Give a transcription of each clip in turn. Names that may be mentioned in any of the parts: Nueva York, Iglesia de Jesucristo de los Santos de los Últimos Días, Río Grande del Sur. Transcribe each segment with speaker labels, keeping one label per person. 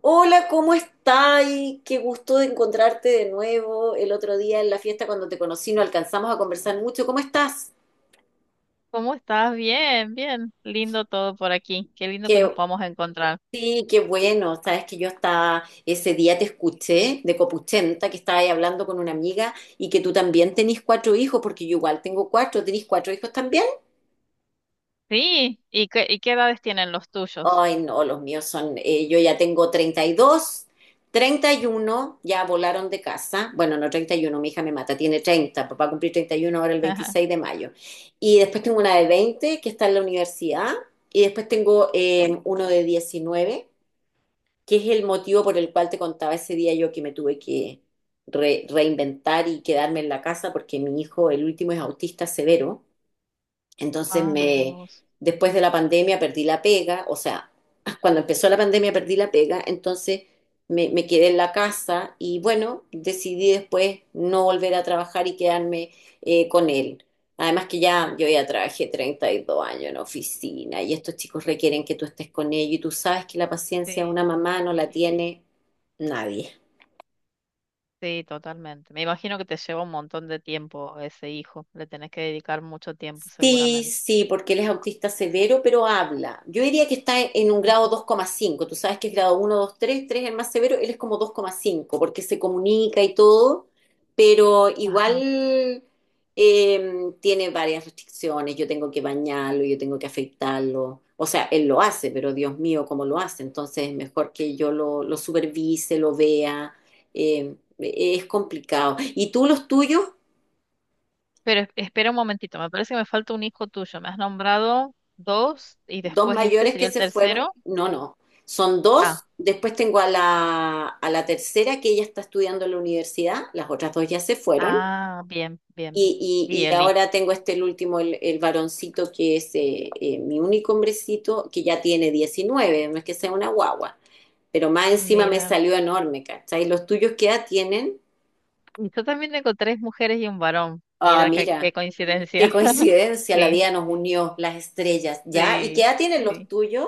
Speaker 1: Hola, ¿cómo estás? Qué gusto de encontrarte de nuevo. El otro día en la fiesta cuando te conocí no alcanzamos a conversar mucho. ¿Cómo estás?
Speaker 2: ¿Cómo estás? Bien, bien. Lindo todo por aquí. Qué lindo que nos
Speaker 1: Qué,
Speaker 2: vamos a encontrar.
Speaker 1: sí, qué bueno. Sabes que yo estaba, ese día te escuché de Copuchenta, que estaba ahí hablando con una amiga y que tú también tenés cuatro hijos, porque yo igual tengo cuatro, tenés cuatro hijos también.
Speaker 2: Sí, ¿y qué edades tienen los tuyos?
Speaker 1: Ay, no, los míos son, yo ya tengo treinta y dos, 31 ya volaron de casa. Bueno, no 31, mi hija me mata, tiene 30. Papá va a cumplir 31 ahora el 26 de mayo. Y después tengo una de 20 que está en la universidad y después tengo uno de 19, que es el motivo por el cual te contaba ese día yo que me tuve que reinventar y quedarme en la casa porque mi hijo, el último, es autista severo. Entonces
Speaker 2: Ah, mira vos.
Speaker 1: después de la pandemia perdí la pega, o sea, cuando empezó la pandemia perdí la pega, entonces me quedé en la casa y bueno, decidí después no volver a trabajar y quedarme con él. Además que yo ya trabajé 32 años en oficina y estos chicos requieren que tú estés con ellos y tú sabes que la paciencia de
Speaker 2: Sí,
Speaker 1: una mamá no la
Speaker 2: imagino.
Speaker 1: tiene nadie.
Speaker 2: Sí, totalmente. Me imagino que te lleva un montón de tiempo ese hijo. Le tenés que dedicar mucho tiempo
Speaker 1: Sí,
Speaker 2: seguramente.
Speaker 1: sí, porque él es autista severo, pero habla. Yo diría que está en un grado
Speaker 2: Ujú.
Speaker 1: 2,5. Tú sabes que es grado uno, 2, 3, 3 es el más severo, él es como 2,5, porque se comunica y todo, pero
Speaker 2: Ajá.
Speaker 1: igual tiene varias restricciones. Yo tengo que bañarlo, yo tengo que afeitarlo. O sea, él lo hace, pero Dios mío, ¿cómo lo hace? Entonces es mejor que yo lo supervise, lo vea. Eh, es complicado. ¿Y tú los tuyos?
Speaker 2: Pero espera un momentito. Me parece que me falta un hijo tuyo. Me has nombrado dos y
Speaker 1: Dos
Speaker 2: después este
Speaker 1: mayores
Speaker 2: sería
Speaker 1: que
Speaker 2: el
Speaker 1: se fueron.
Speaker 2: tercero.
Speaker 1: No, no. Son dos.
Speaker 2: Ah,
Speaker 1: Después tengo a a la tercera que ella está estudiando en la universidad. Las otras dos ya se fueron.
Speaker 2: ah, bien, bien, bien.
Speaker 1: Y,
Speaker 2: Y
Speaker 1: y- y
Speaker 2: el hijo.
Speaker 1: ahora tengo este el último, el varoncito, que es mi único hombrecito, que ya tiene 19, no es que sea una guagua, pero más encima me
Speaker 2: Mira.
Speaker 1: salió enorme, ¿cachai? ¿Los tuyos qué edad tienen?
Speaker 2: Y yo también tengo tres mujeres y un varón.
Speaker 1: Ah,
Speaker 2: Mira qué
Speaker 1: mira, qué
Speaker 2: coincidencia.
Speaker 1: coincidencia, la vida
Speaker 2: Sí,
Speaker 1: nos unió, las estrellas, ¿ya? ¿Y qué
Speaker 2: sí,
Speaker 1: edad tienen los
Speaker 2: sí.
Speaker 1: tuyos?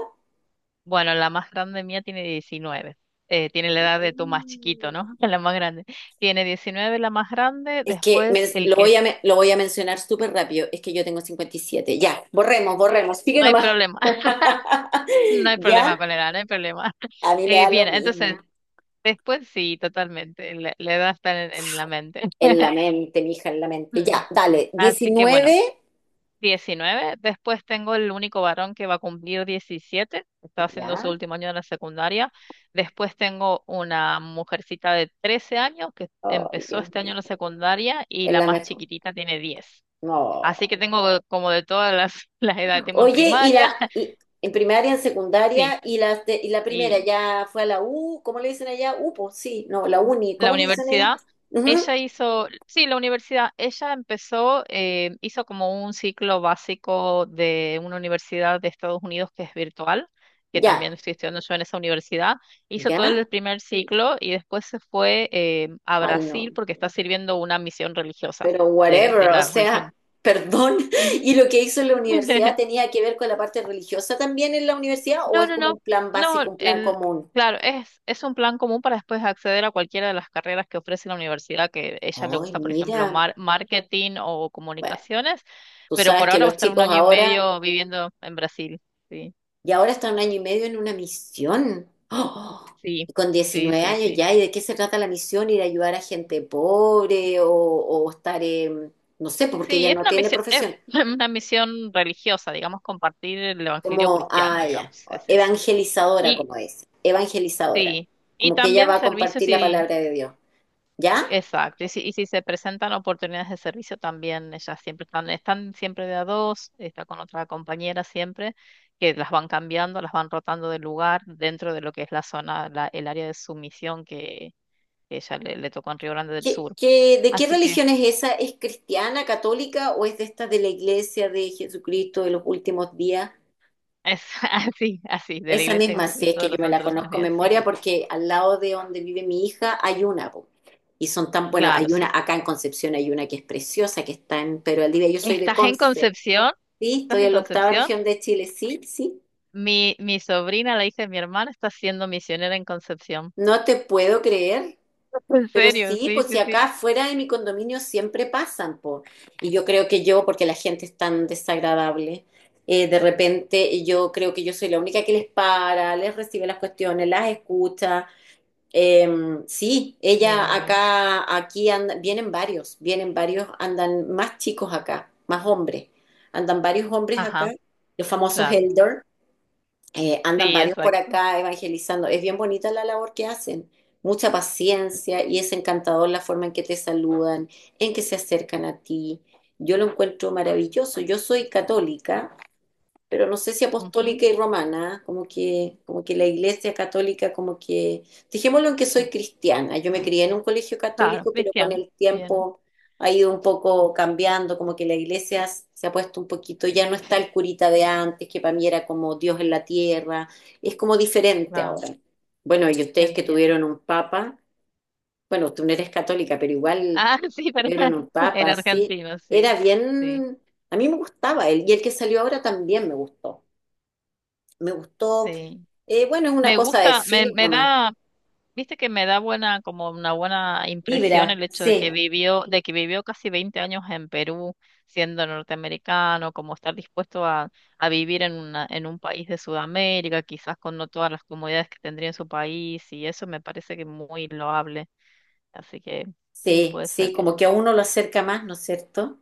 Speaker 2: Bueno, la más grande mía tiene 19. Tiene la edad de tu más chiquito,
Speaker 1: Mm.
Speaker 2: ¿no? La más grande. Tiene 19 la más grande,
Speaker 1: Es que
Speaker 2: después el
Speaker 1: lo
Speaker 2: que
Speaker 1: voy a,
Speaker 2: es.
Speaker 1: lo voy a mencionar súper rápido. Es que yo tengo 57. Ya, borremos, borremos. Sigue
Speaker 2: No hay
Speaker 1: nomás.
Speaker 2: problema, no hay problema
Speaker 1: Ya,
Speaker 2: con la edad, no hay problema.
Speaker 1: a mí me da lo
Speaker 2: Bien, entonces,
Speaker 1: mismo.
Speaker 2: después sí, totalmente. La edad está en la mente.
Speaker 1: En la mente, mija, en la mente. Ya,
Speaker 2: Ujú.
Speaker 1: dale.
Speaker 2: Así que bueno.
Speaker 1: 19.
Speaker 2: 19. Después tengo el único varón que va a cumplir 17, está haciendo su
Speaker 1: Ya.
Speaker 2: último año de la secundaria, después tengo una mujercita de 13 años que
Speaker 1: Ay,
Speaker 2: empezó
Speaker 1: Dios
Speaker 2: este año
Speaker 1: mío.
Speaker 2: la secundaria y
Speaker 1: Es
Speaker 2: la
Speaker 1: la
Speaker 2: más
Speaker 1: mejor.
Speaker 2: chiquitita tiene 10. Así
Speaker 1: No.
Speaker 2: que tengo como de todas las, las edades, tengo en
Speaker 1: Oye,
Speaker 2: primaria,
Speaker 1: en primaria, en
Speaker 2: sí,
Speaker 1: secundaria, y y la primera
Speaker 2: y
Speaker 1: ya fue a la U, ¿cómo le dicen allá? U, pues sí, no, la
Speaker 2: Ujú.
Speaker 1: uni,
Speaker 2: La
Speaker 1: ¿cómo le dicen allá?
Speaker 2: universidad,
Speaker 1: Ujú.
Speaker 2: sí, ella empezó, hizo como un ciclo básico de una universidad de Estados Unidos que es virtual, que también
Speaker 1: Ya,
Speaker 2: estoy estudiando yo en esa universidad, hizo todo
Speaker 1: ya.
Speaker 2: el primer ciclo y después se fue a
Speaker 1: Ay, no.
Speaker 2: Brasil porque está sirviendo una misión religiosa
Speaker 1: Pero
Speaker 2: de,
Speaker 1: whatever,
Speaker 2: de
Speaker 1: o
Speaker 2: la
Speaker 1: sea,
Speaker 2: religión.
Speaker 1: perdón.
Speaker 2: Ujú.
Speaker 1: ¿Y lo que hizo en la universidad tenía que ver con la parte religiosa también en la universidad o
Speaker 2: No,
Speaker 1: es
Speaker 2: no,
Speaker 1: como
Speaker 2: no,
Speaker 1: un plan
Speaker 2: no,
Speaker 1: básico, un plan común?
Speaker 2: claro, es un plan común para después acceder a cualquiera de las carreras que ofrece la universidad, que ella le
Speaker 1: Ay,
Speaker 2: gusta, por ejemplo,
Speaker 1: mira,
Speaker 2: marketing o
Speaker 1: bueno,
Speaker 2: comunicaciones,
Speaker 1: tú
Speaker 2: pero
Speaker 1: sabes
Speaker 2: por
Speaker 1: que
Speaker 2: ahora va a
Speaker 1: los
Speaker 2: estar un
Speaker 1: chicos
Speaker 2: año y
Speaker 1: ahora,
Speaker 2: medio viviendo en Brasil. Sí,
Speaker 1: y ahora están 1 año y medio en una misión. ¡Oh!
Speaker 2: sí,
Speaker 1: Y con
Speaker 2: sí,
Speaker 1: diecinueve
Speaker 2: sí,
Speaker 1: años
Speaker 2: sí.
Speaker 1: ya, ¿y de qué se trata la misión? ¿Ir a ayudar a gente pobre o estar, en- no sé, porque
Speaker 2: Sí,
Speaker 1: ella
Speaker 2: es
Speaker 1: no
Speaker 2: una
Speaker 1: tiene
Speaker 2: misión, es
Speaker 1: profesión.
Speaker 2: una misión religiosa, digamos, compartir el evangelio
Speaker 1: Como,
Speaker 2: cristiano,
Speaker 1: ah, ya,
Speaker 2: digamos, es eso.
Speaker 1: evangelizadora,
Speaker 2: Y,
Speaker 1: como dice, evangelizadora,
Speaker 2: sí, y
Speaker 1: como que ella
Speaker 2: también
Speaker 1: va a compartir
Speaker 2: servicios
Speaker 1: la
Speaker 2: y
Speaker 1: palabra de Dios, ¿ya?
Speaker 2: Exacto, y si se presentan oportunidades de servicio también, ellas siempre están siempre de a dos, está con otra compañera siempre, que las van cambiando, las van rotando de lugar dentro de lo que es la zona, el área de sumisión que ella le tocó en Río Grande del Sur.
Speaker 1: De qué
Speaker 2: Así que
Speaker 1: religión es esa? ¿Es cristiana, católica o es de esta de la iglesia de Jesucristo de los últimos días?
Speaker 2: es así, así, de la
Speaker 1: Esa
Speaker 2: Iglesia de
Speaker 1: misma, sí es
Speaker 2: Jesucristo
Speaker 1: que
Speaker 2: de
Speaker 1: yo
Speaker 2: los
Speaker 1: me
Speaker 2: Santos
Speaker 1: la
Speaker 2: de los Últimos
Speaker 1: conozco en
Speaker 2: Días, sí,
Speaker 1: memoria,
Speaker 2: sí.
Speaker 1: porque al lado de donde vive mi hija hay una, po. Y son tan, bueno,
Speaker 2: Claro,
Speaker 1: hay una
Speaker 2: sí.
Speaker 1: acá en Concepción, hay una que es preciosa, que está en. Pero al día yo soy de
Speaker 2: ¿Estás en
Speaker 1: Conce,
Speaker 2: Concepción?
Speaker 1: ¿sí? Estoy
Speaker 2: ¿Estás en
Speaker 1: en la octava
Speaker 2: Concepción?
Speaker 1: región de Chile, sí, sí.
Speaker 2: Mi sobrina, la hija de mi hermana, está siendo misionera en Concepción.
Speaker 1: No te puedo creer.
Speaker 2: En
Speaker 1: Pero
Speaker 2: serio,
Speaker 1: sí,
Speaker 2: sí,
Speaker 1: pues
Speaker 2: sí,
Speaker 1: si
Speaker 2: sí.
Speaker 1: acá fuera de mi condominio siempre pasan, po. Y yo creo que yo, porque la gente es tan desagradable, de repente yo creo que yo soy la única que les para, les recibe las cuestiones, las escucha. Eh, sí, ella
Speaker 2: Mira.
Speaker 1: acá, vienen varios, andan más chicos acá, más hombres. Andan varios hombres acá,
Speaker 2: Ajá,
Speaker 1: los famosos
Speaker 2: claro.
Speaker 1: elders. Andan
Speaker 2: Sí,
Speaker 1: varios por
Speaker 2: exacto.
Speaker 1: acá evangelizando. Es bien bonita la labor que hacen. Mucha paciencia y es encantador la forma en que te saludan, en que se acercan a ti. Yo lo encuentro maravilloso. Yo soy católica, pero no sé si
Speaker 2: Ujú,
Speaker 1: apostólica y romana, ¿ah? Como que, como que la iglesia católica, como que, dejémoslo en que
Speaker 2: mm,
Speaker 1: soy cristiana, yo me
Speaker 2: mm,
Speaker 1: crié en un colegio
Speaker 2: claro,
Speaker 1: católico, pero con
Speaker 2: cristiano.
Speaker 1: el
Speaker 2: Bien,
Speaker 1: tiempo ha ido un poco cambiando, como que la iglesia se ha puesto un poquito, ya no está el curita de antes, que para mí era como Dios en la tierra, es como diferente
Speaker 2: claro,
Speaker 1: ahora. Bueno, y ustedes que
Speaker 2: entiendo.
Speaker 1: tuvieron un papa, bueno, tú no eres católica, pero igual
Speaker 2: Ah, sí, pero
Speaker 1: tuvieron un
Speaker 2: era
Speaker 1: papa, sí,
Speaker 2: argentino, sí,
Speaker 1: era
Speaker 2: sí,
Speaker 1: bien, a mí me gustaba él, y el que salió ahora también me gustó, me gustó.
Speaker 2: sí.
Speaker 1: Bueno, es una
Speaker 2: Me
Speaker 1: cosa de
Speaker 2: gusta, me,
Speaker 1: feeling
Speaker 2: me
Speaker 1: nomás.
Speaker 2: da, viste que me da buena, como una buena impresión
Speaker 1: Vibra,
Speaker 2: el hecho de que
Speaker 1: sí,
Speaker 2: vivió, de que vivió casi 20 años en Perú, siendo norteamericano, como estar dispuesto a vivir en un país de Sudamérica, quizás con no todas las comodidades que tendría en su país, y eso me parece que muy loable. Así que sí,
Speaker 1: sí,
Speaker 2: puede ser
Speaker 1: sí,
Speaker 2: que
Speaker 1: como que a uno lo acerca más, ¿no es cierto?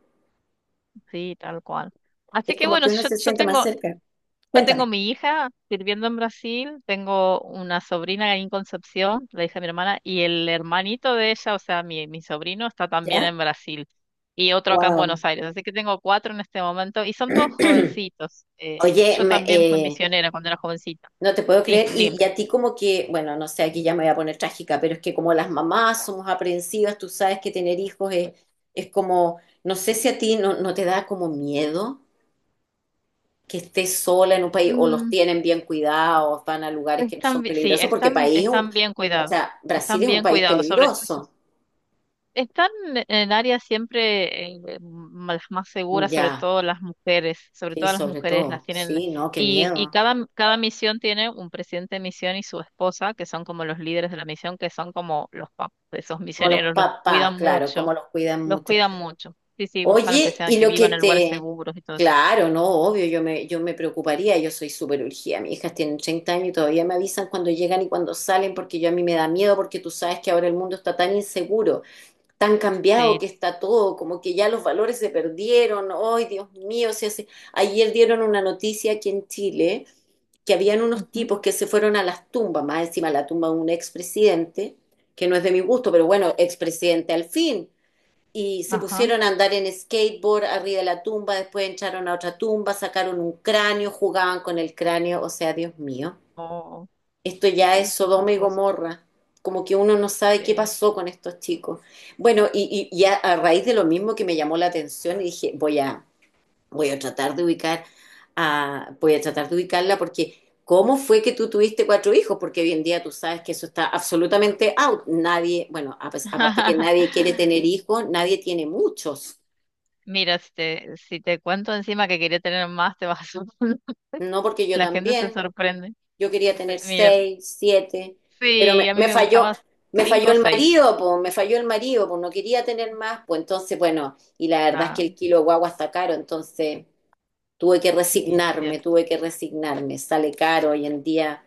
Speaker 2: sí, tal cual. Así
Speaker 1: Es
Speaker 2: que
Speaker 1: como que
Speaker 2: bueno, si
Speaker 1: uno
Speaker 2: yo,
Speaker 1: se
Speaker 2: yo
Speaker 1: siente más
Speaker 2: tengo,
Speaker 1: cerca.
Speaker 2: yo tengo
Speaker 1: Cuéntame,
Speaker 2: mi hija sirviendo en Brasil, tengo una sobrina ahí en Concepción, la hija de mi hermana, y el hermanito de ella, o sea, mi sobrino, está también
Speaker 1: ¿ya?
Speaker 2: en Brasil, y otro acá en
Speaker 1: Wow.
Speaker 2: Buenos Aires. Así que tengo cuatro en este momento, y son todos jovencitos.
Speaker 1: Oye,
Speaker 2: Yo también fui misionera cuando era jovencita.
Speaker 1: no te puedo
Speaker 2: Sí,
Speaker 1: creer. Y,
Speaker 2: dígame.
Speaker 1: y a ti como que, bueno, no sé, aquí ya me voy a poner trágica, pero es que como las mamás somos aprensivas, tú sabes que tener hijos es como, no sé si a ti no, no te da como miedo. Que esté sola en un país o los
Speaker 2: Mm,
Speaker 1: tienen bien cuidados, van a lugares que no son
Speaker 2: sí,
Speaker 1: peligrosos, porque
Speaker 2: están,
Speaker 1: país, es un-
Speaker 2: están bien
Speaker 1: o
Speaker 2: cuidados.
Speaker 1: sea, Brasil
Speaker 2: Están
Speaker 1: es un
Speaker 2: bien
Speaker 1: país
Speaker 2: cuidados.
Speaker 1: peligroso.
Speaker 2: Están en el área siempre más segura,
Speaker 1: Ya,
Speaker 2: sobre
Speaker 1: sí,
Speaker 2: todo las
Speaker 1: sobre
Speaker 2: mujeres las
Speaker 1: todo.
Speaker 2: tienen,
Speaker 1: Sí, no, qué
Speaker 2: y
Speaker 1: miedo.
Speaker 2: cada misión tiene un presidente de misión y su esposa, que son como los líderes de la misión, que son como los papás de esos
Speaker 1: Como los
Speaker 2: misioneros, los
Speaker 1: papás,
Speaker 2: cuidan
Speaker 1: claro, como
Speaker 2: mucho,
Speaker 1: los cuidan
Speaker 2: los
Speaker 1: mucho.
Speaker 2: cuidan mucho. Sí, sí, buscan
Speaker 1: Oye, y
Speaker 2: que
Speaker 1: lo que
Speaker 2: vivan en lugares
Speaker 1: te...
Speaker 2: seguros y todo eso.
Speaker 1: Claro, no, obvio, yo me preocuparía, yo soy súper urgida. Mis hijas tienen 30 años y todavía me avisan cuando llegan y cuando salen, porque yo a mí me da miedo, porque tú sabes que ahora el mundo está tan inseguro. Tan cambiado
Speaker 2: Sí.
Speaker 1: que está todo, como que ya los valores se perdieron, ay Dios mío, se hace... Ayer dieron una noticia aquí en Chile que habían unos
Speaker 2: Ujú.
Speaker 1: tipos que se fueron a las tumbas, más encima la tumba de un expresidente, que no es de mi gusto, pero bueno, expresidente al fin, y se
Speaker 2: Ajá.
Speaker 1: pusieron a andar en skateboard arriba de la tumba, después entraron a otra tumba, sacaron un cráneo, jugaban con el cráneo, o sea, Dios mío.
Speaker 2: Oh,
Speaker 1: Esto
Speaker 2: qué
Speaker 1: ya es
Speaker 2: triste esas
Speaker 1: Sodoma y
Speaker 2: cosas.
Speaker 1: Gomorra. Como que uno no sabe qué
Speaker 2: Sí.
Speaker 1: pasó con estos chicos. Bueno, a raíz de lo mismo que me llamó la atención, y dije, voy a tratar de ubicar a, voy a tratar de ubicarla porque ¿cómo fue que tú tuviste cuatro hijos? Porque hoy en día tú sabes que eso está absolutamente out. Nadie, bueno, aparte que nadie quiere tener hijos, nadie tiene muchos.
Speaker 2: Mira, si te cuento encima que quería tener más, te vas a asustar.
Speaker 1: No porque yo
Speaker 2: La gente se
Speaker 1: también.
Speaker 2: sorprende.
Speaker 1: Yo quería tener
Speaker 2: Mira,
Speaker 1: seis, siete, pero
Speaker 2: sí, a mí me gustaba
Speaker 1: me
Speaker 2: cinco
Speaker 1: falló
Speaker 2: o
Speaker 1: el
Speaker 2: seis.
Speaker 1: marido, pues, me falló el marido, pues no quería tener más, pues entonces, bueno, y la verdad es que
Speaker 2: Ah,
Speaker 1: el kilo de guagua está caro, entonces
Speaker 2: sí, es cierto.
Speaker 1: tuve que resignarme, sale caro hoy en día.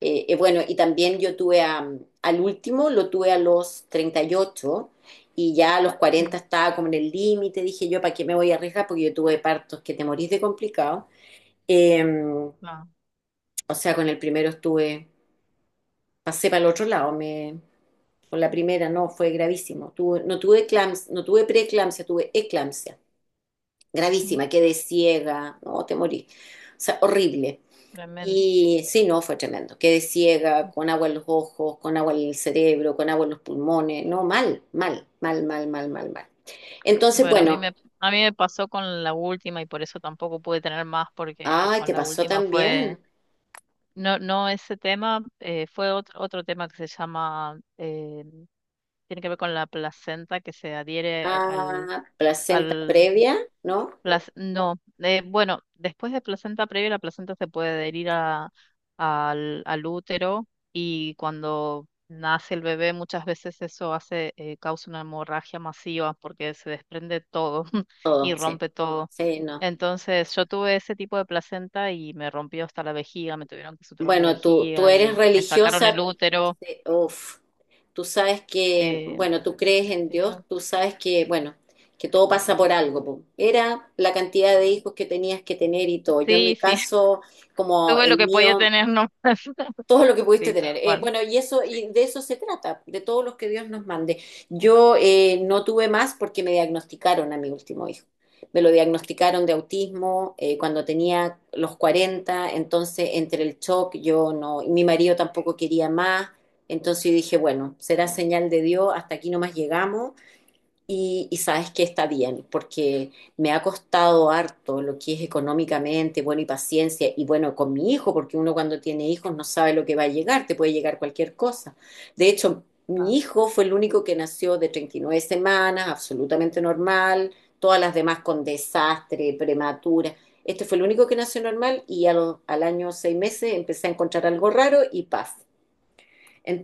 Speaker 1: Bueno, y también yo al último, lo tuve a los 38 y ya a los 40
Speaker 2: Ujú,
Speaker 1: estaba como en el límite, dije yo, ¿para qué me voy a arriesgar? Porque yo tuve partos que te morís de complicado. Eh,
Speaker 2: no,
Speaker 1: o sea, con el primero estuve, pasé para el otro lado, me, con la primera no, fue gravísimo. Tuve, no tuve eclampsia, no tuve preeclampsia, tuve eclampsia,
Speaker 2: ujú,
Speaker 1: gravísima, quedé ciega, no, te morí, o sea, horrible.
Speaker 2: tremendo.
Speaker 1: Y sí, no, fue tremendo. Quedé ciega, con agua en los ojos, con agua en el cerebro, con agua en los pulmones. No, mal, mal, mal, mal, mal, mal, mal. Entonces,
Speaker 2: Bueno, a mí
Speaker 1: bueno,
Speaker 2: me, a mí me pasó con la última y por eso tampoco pude tener más porque
Speaker 1: ay, te
Speaker 2: con la
Speaker 1: pasó
Speaker 2: última fue,
Speaker 1: también.
Speaker 2: no, no ese tema, fue otro tema que se llama, tiene que ver con la placenta que se adhiere al,
Speaker 1: Ah, placenta
Speaker 2: al
Speaker 1: previa, ¿no?
Speaker 2: No, bueno, después de placenta previa, la placenta se puede adherir al útero y cuando nace el bebé muchas veces eso causa una hemorragia masiva porque se desprende todo y
Speaker 1: Todo, sí.
Speaker 2: rompe todo.
Speaker 1: Sí, no.
Speaker 2: Entonces yo tuve ese tipo de placenta y me rompió hasta la vejiga, me tuvieron que suturar la
Speaker 1: Bueno, tú
Speaker 2: vejiga
Speaker 1: eres
Speaker 2: y me sacaron
Speaker 1: religiosa,
Speaker 2: el útero.
Speaker 1: uf, tú sabes que,
Speaker 2: eh,
Speaker 1: bueno, tú crees en
Speaker 2: sí,
Speaker 1: Dios, tú sabes que, bueno, que todo pasa por algo. Po. Era la cantidad de hijos que tenías que tener y todo. Yo en mi
Speaker 2: sí, sí,
Speaker 1: caso, como
Speaker 2: tuve lo
Speaker 1: el
Speaker 2: que podía
Speaker 1: mío,
Speaker 2: tener nomás.
Speaker 1: todo lo que pudiste
Speaker 2: Sí,
Speaker 1: tener.
Speaker 2: tal cual.
Speaker 1: Bueno, y eso,
Speaker 2: Sí,
Speaker 1: y de eso se trata, de todos los que Dios nos mande. Yo no tuve más porque me diagnosticaron a mi último hijo. Me lo diagnosticaron de autismo cuando tenía los 40, entonces entre el shock yo no, y mi marido tampoco quería más, entonces yo dije, bueno, será señal de Dios, hasta aquí nomás llegamos y sabes que está bien, porque me ha costado harto lo que es económicamente, bueno, y paciencia, y bueno, con mi hijo, porque uno cuando tiene hijos no sabe lo que va a llegar, te puede llegar cualquier cosa. De hecho, mi
Speaker 2: claro.
Speaker 1: hijo fue el único que nació de 39 semanas, absolutamente normal, todas las demás con desastre, prematura. Este fue el único que nació normal y a al 1 año 6 meses empecé a encontrar algo raro y paz.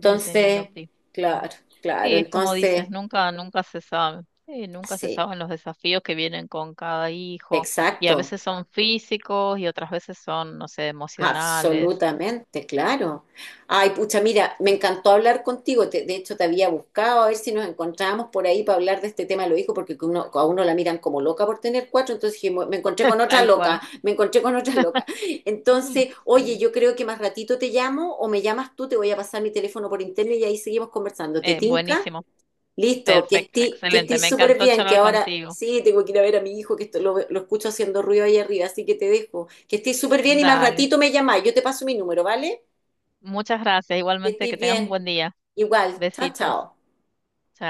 Speaker 2: Y tenía Penélope. No.
Speaker 1: claro, claro,
Speaker 2: Sí, es como dices,
Speaker 1: entonces,
Speaker 2: nunca se sabe. Sí, nunca se
Speaker 1: sí,
Speaker 2: saben los desafíos que vienen con cada hijo. Y a
Speaker 1: exacto.
Speaker 2: veces son físicos y otras veces son, no sé, emocionales.
Speaker 1: Absolutamente, claro. Ay, pucha, mira, me encantó hablar contigo. De hecho, te había buscado a ver si nos encontrábamos por ahí para hablar de este tema de los hijos, porque que a uno la miran como loca por tener cuatro. Entonces dije, me encontré con otra
Speaker 2: Tal
Speaker 1: loca,
Speaker 2: cual.
Speaker 1: me encontré con otra loca.
Speaker 2: Mm,
Speaker 1: Entonces, oye,
Speaker 2: sí.
Speaker 1: yo creo que más ratito te llamo o me llamas tú, te voy a pasar mi teléfono por interno y ahí seguimos conversando. ¿Te tinca?
Speaker 2: Buenísimo.
Speaker 1: Listo, que
Speaker 2: Perfecto,
Speaker 1: esté que
Speaker 2: excelente.
Speaker 1: estés
Speaker 2: Me
Speaker 1: súper
Speaker 2: encantó
Speaker 1: bien, que
Speaker 2: charlar
Speaker 1: ahora
Speaker 2: contigo.
Speaker 1: sí tengo que ir a ver a mi hijo, que esto, lo escucho haciendo ruido ahí arriba, así que te dejo. Que estés súper bien y más
Speaker 2: Dale.
Speaker 1: ratito me llamás. Yo te paso mi número, ¿vale?
Speaker 2: Muchas gracias.
Speaker 1: Que
Speaker 2: Igualmente
Speaker 1: estés
Speaker 2: que tengas un
Speaker 1: bien.
Speaker 2: buen día.
Speaker 1: Igual, chao,
Speaker 2: Besitos.
Speaker 1: chao.
Speaker 2: Chao.